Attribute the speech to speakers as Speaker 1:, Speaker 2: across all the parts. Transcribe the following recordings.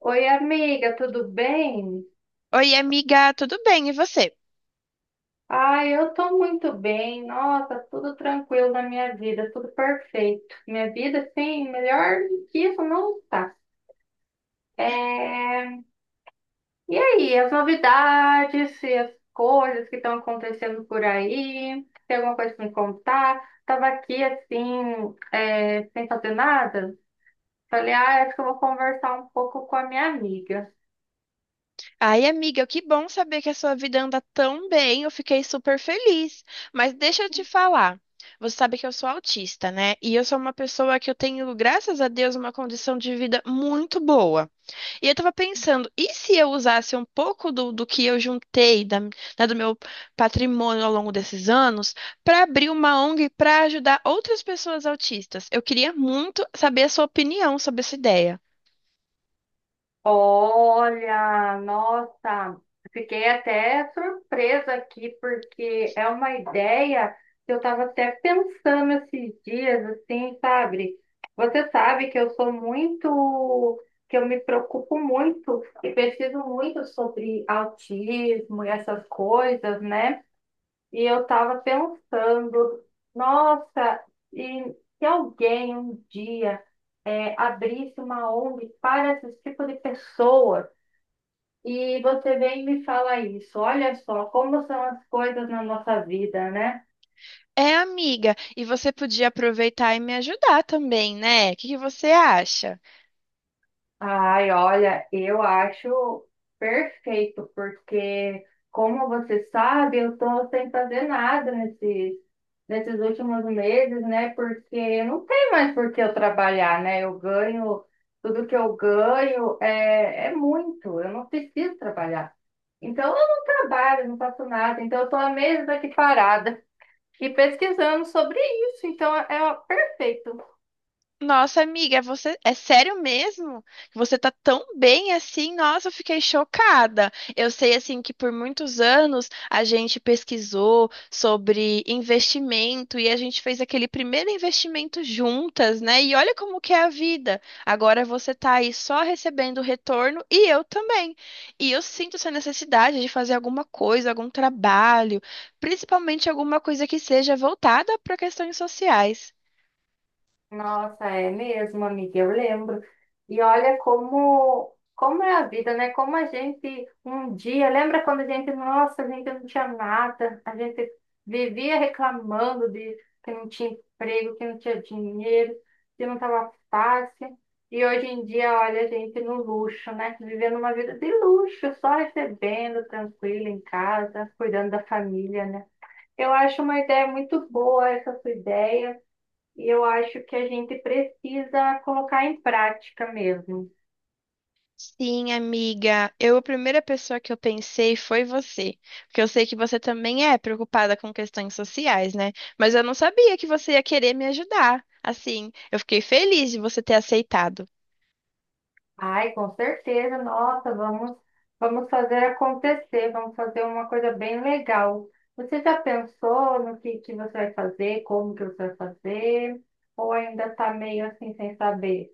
Speaker 1: Oi, amiga, tudo bem?
Speaker 2: Oi, amiga, tudo bem? E você?
Speaker 1: Ai, eu tô muito bem. Nossa, tudo tranquilo na minha vida, tudo perfeito. Minha vida, assim, melhor que isso não está. É... E aí, as novidades e as coisas que estão acontecendo por aí? Tem alguma coisa pra me contar? Tava aqui, assim, sem fazer nada. Falei, ah, acho que eu vou conversar um pouco com a minha amiga.
Speaker 2: Ai, amiga, que bom saber que a sua vida anda tão bem. Eu fiquei super feliz. Mas deixa eu te falar. Você sabe que eu sou autista, né? E eu sou uma pessoa que eu tenho, graças a Deus, uma condição de vida muito boa. E eu tava pensando, e se eu usasse um pouco do que eu juntei, da, né, do meu patrimônio ao longo desses anos, para abrir uma ONG para ajudar outras pessoas autistas? Eu queria muito saber a sua opinião sobre essa ideia.
Speaker 1: Olha, nossa, fiquei até surpresa aqui, porque é uma ideia que eu estava até pensando esses dias, assim, sabe? Você sabe que eu sou muito, que eu me preocupo muito e pesquiso muito sobre autismo e essas coisas, né? E eu estava pensando, nossa, e se alguém um dia abrisse uma ONG para esse tipo de pessoa, e você vem e me fala isso, olha só como são as coisas na nossa vida, né?
Speaker 2: É, amiga, e você podia aproveitar e me ajudar também, né? O que que você acha?
Speaker 1: Ai, olha, eu acho perfeito, porque como você sabe, eu tô sem fazer nada nesses últimos meses, né? Porque não tem mais por que eu trabalhar, né? Eu ganho, tudo que eu ganho é muito, eu não preciso trabalhar. Então eu não trabalho, não faço nada, então eu tô há meses aqui parada e pesquisando sobre isso, então é perfeito.
Speaker 2: Nossa, amiga, é você é sério mesmo que você tá tão bem assim? Nossa, eu fiquei chocada. Eu sei assim que por muitos anos a gente pesquisou sobre investimento e a gente fez aquele primeiro investimento juntas, né? E olha como que é a vida. Agora você tá aí só recebendo retorno e eu também. E eu sinto essa necessidade de fazer alguma coisa, algum trabalho, principalmente alguma coisa que seja voltada para questões sociais.
Speaker 1: Nossa, é mesmo, amiga, eu lembro. E olha como é a vida, né? Como a gente um dia, lembra quando a gente, nossa, a gente não tinha nada, a gente vivia reclamando de que não tinha emprego, que não tinha dinheiro, que não estava fácil. E hoje em dia, olha, a gente no luxo, né? Vivendo uma vida de luxo, só recebendo, tranquilo em casa, cuidando da família, né? Eu acho uma ideia muito boa essa sua ideia. E eu acho que a gente precisa colocar em prática mesmo.
Speaker 2: Sim, amiga. Eu, a primeira pessoa que eu pensei foi você, porque eu sei que você também é preocupada com questões sociais, né? Mas eu não sabia que você ia querer me ajudar. Assim, eu fiquei feliz de você ter aceitado.
Speaker 1: Ai, com certeza, nossa, vamos fazer acontecer, vamos fazer uma coisa bem legal. Você já pensou no que você vai fazer, como que você vai fazer? Ou ainda está meio assim sem saber?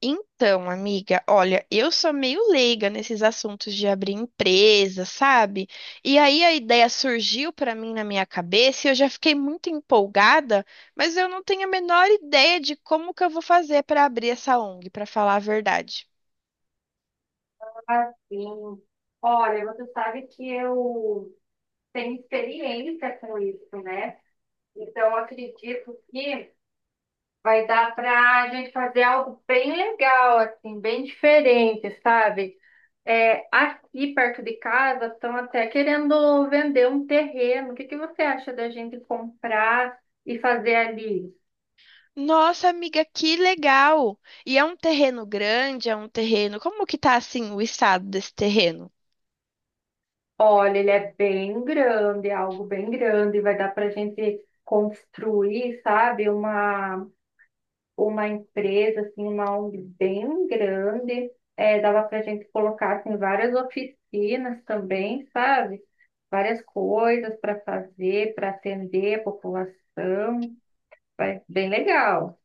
Speaker 2: Então, amiga, olha, eu sou meio leiga nesses assuntos de abrir empresa, sabe? E aí a ideia surgiu para mim na minha cabeça e eu já fiquei muito empolgada, mas eu não tenho a menor ideia de como que eu vou fazer para abrir essa ONG, para falar a verdade.
Speaker 1: Assim, olha, você sabe que eu tenho experiência com isso, né? Então, eu acredito que. Vai dar para a gente fazer algo bem legal, assim, bem diferente, sabe? É, aqui perto de casa estão até querendo vender um terreno. O que que você acha da gente comprar e fazer ali?
Speaker 2: Nossa, amiga, que legal! E é um terreno grande, é um terreno. Como que tá assim o estado desse terreno?
Speaker 1: Olha, ele é bem grande, é algo bem grande. Vai dar para a gente construir, sabe? Uma empresa, assim, uma ONG bem grande. É, dava para a gente colocar assim, várias oficinas também, sabe? Várias coisas para fazer, para atender a população. Bem legal.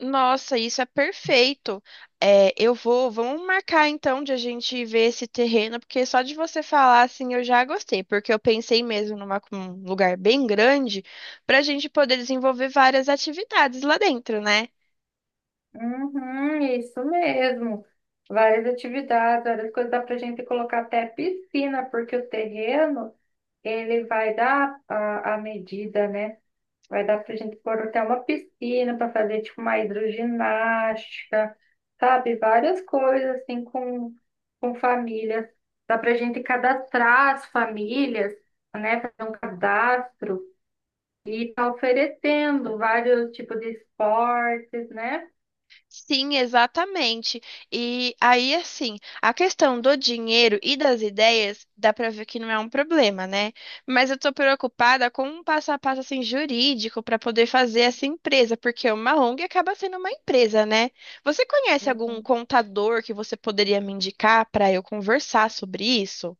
Speaker 2: Nossa, isso é perfeito. É, eu vou, vamos marcar então de a gente ver esse terreno, porque só de você falar assim eu já gostei, porque eu pensei mesmo numa, um lugar bem grande para a gente poder desenvolver várias atividades lá dentro, né?
Speaker 1: Uhum, isso mesmo. Várias atividades, várias coisas dá para a gente colocar até piscina, porque o terreno ele vai dar a medida, né? Vai dar pra gente pôr até uma piscina para fazer tipo uma hidroginástica, sabe? Várias coisas assim com famílias. Dá pra gente cadastrar as famílias, né? Fazer um cadastro e tá oferecendo vários tipos de esportes, né?
Speaker 2: Sim, exatamente. E aí, assim, a questão do dinheiro e das ideias, dá pra ver que não é um problema, né? Mas eu tô preocupada com um passo a passo assim jurídico pra poder fazer essa empresa, porque uma ONG acaba sendo uma empresa, né? Você conhece algum
Speaker 1: Uhum.
Speaker 2: contador que você poderia me indicar pra eu conversar sobre isso?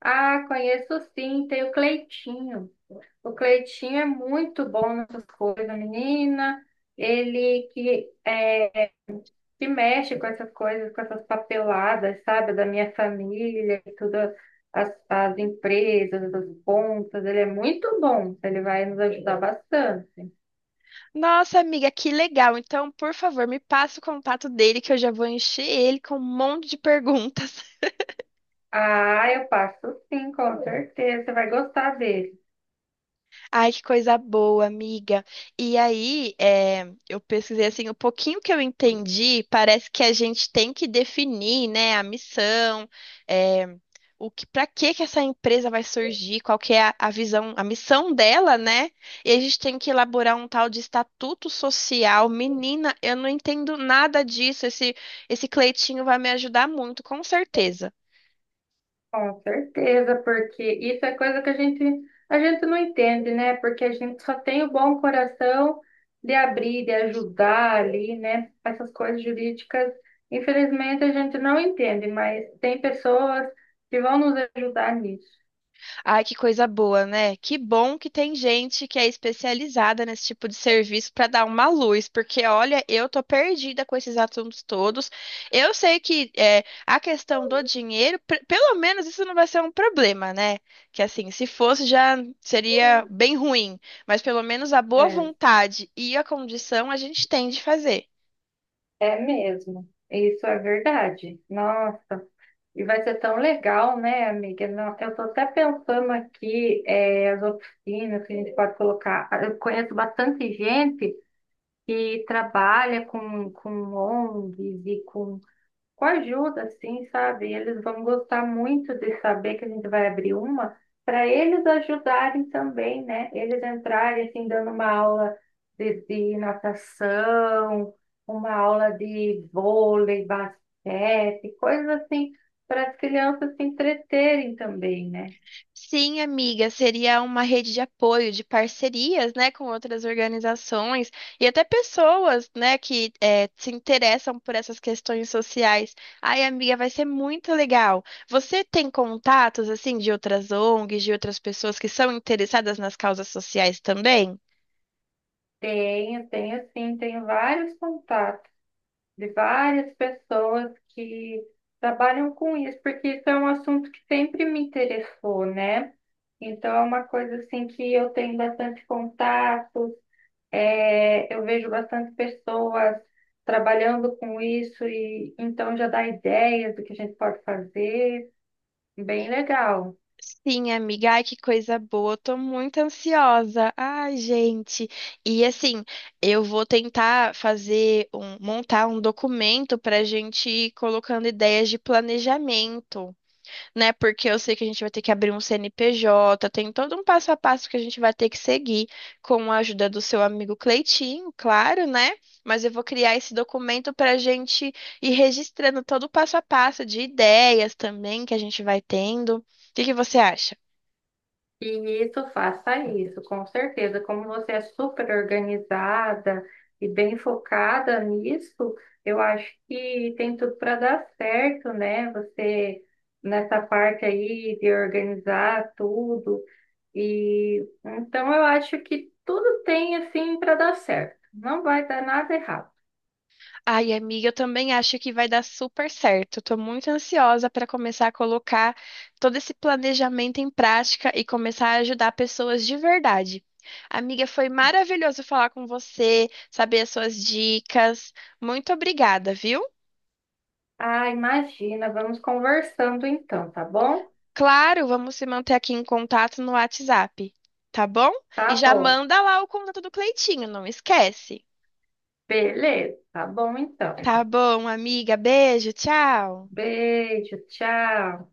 Speaker 1: Ah, conheço sim, tem o Cleitinho. O Cleitinho é muito bom nessas coisas, menina. Ele que é que mexe com essas coisas, com essas papeladas, sabe, da minha família, e tudo, as empresas, as contas, ele é muito bom, ele vai nos ajudar bastante.
Speaker 2: Nossa, amiga, que legal. Então, por favor, me passa o contato dele que eu já vou encher ele com um monte de perguntas.
Speaker 1: Ah, eu passo sim, com certeza, você vai gostar dele.
Speaker 2: Ai, que coisa boa, amiga. E aí, é, eu pesquisei assim, o pouquinho que eu entendi, parece que a gente tem que definir, né, a missão, é, o que, para que que essa empresa vai surgir, qual que é a visão, a missão dela, né? E a gente tem que elaborar um tal de estatuto social. Menina, eu não entendo nada disso. Esse Cleitinho vai me ajudar muito, com certeza.
Speaker 1: Com certeza, porque isso é coisa que a gente não entende, né? Porque a gente só tem o bom coração de abrir, de ajudar ali, né? Essas coisas jurídicas, infelizmente a gente não entende, mas tem pessoas que vão nos ajudar nisso.
Speaker 2: Ai, que coisa boa, né? Que bom que tem gente que é especializada nesse tipo de serviço para dar uma luz, porque olha, eu tô perdida com esses assuntos todos. Eu sei que é, a questão do dinheiro, pelo menos isso não vai ser um problema, né? Que assim, se fosse já seria bem ruim, mas pelo menos a boa
Speaker 1: É,
Speaker 2: vontade e a condição a gente tem de fazer.
Speaker 1: é mesmo. Isso é verdade. Nossa, e vai ser tão legal, né, amiga? Não, eu tô até pensando aqui, é, as oficinas que a gente pode colocar. Eu conheço bastante gente que trabalha com ONGs e com ajuda, assim, sabe? Eles vão gostar muito de saber que a gente vai abrir uma, para eles ajudarem também, né? Eles entrarem, assim, dando uma aula de natação, uma aula de vôlei, basquete, coisas assim, para as crianças se entreterem também, né?
Speaker 2: Sim, amiga, seria uma rede de apoio, de parcerias, né, com outras organizações e até pessoas, né, que se interessam por essas questões sociais. Ai, amiga, vai ser muito legal. Você tem contatos, assim, de outras ONGs, de outras pessoas que são interessadas nas causas sociais também?
Speaker 1: Tenho, tenho sim, tenho vários contatos. De várias pessoas que trabalham com isso, porque isso é um assunto que sempre me interessou, né? Então é uma coisa assim que eu tenho bastante contatos, é, eu vejo bastante pessoas trabalhando com isso e então já dá ideias do que a gente pode fazer, bem legal.
Speaker 2: Sim, amiga, ai que coisa boa, tô muito ansiosa. Ai, gente. E assim, eu vou tentar fazer um, montar um documento pra gente ir colocando ideias de planejamento, né? Porque eu sei que a gente vai ter que abrir um CNPJ, tem todo um passo a passo que a gente vai ter que seguir com a ajuda do seu amigo Cleitinho, claro, né? Mas eu vou criar esse documento para a gente ir registrando todo o passo a passo de ideias também que a gente vai tendo. O que que você acha?
Speaker 1: E isso, faça isso, com certeza. Como você é super organizada e bem focada nisso, eu acho que tem tudo para dar certo, né? Você nessa parte aí de organizar tudo. E então eu acho que tudo tem assim para dar certo. Não vai dar nada errado.
Speaker 2: Ai, amiga, eu também acho que vai dar super certo. Estou muito ansiosa para começar a colocar todo esse planejamento em prática e começar a ajudar pessoas de verdade. Amiga, foi maravilhoso falar com você, saber as suas dicas. Muito obrigada, viu?
Speaker 1: Ah, imagina, vamos conversando então, tá bom?
Speaker 2: Claro, vamos se manter aqui em contato no WhatsApp, tá bom? E
Speaker 1: Tá
Speaker 2: já
Speaker 1: bom.
Speaker 2: manda lá o contato do Cleitinho, não esquece.
Speaker 1: Beleza, tá bom então.
Speaker 2: Tá bom, amiga, beijo, tchau.
Speaker 1: Beijo, tchau.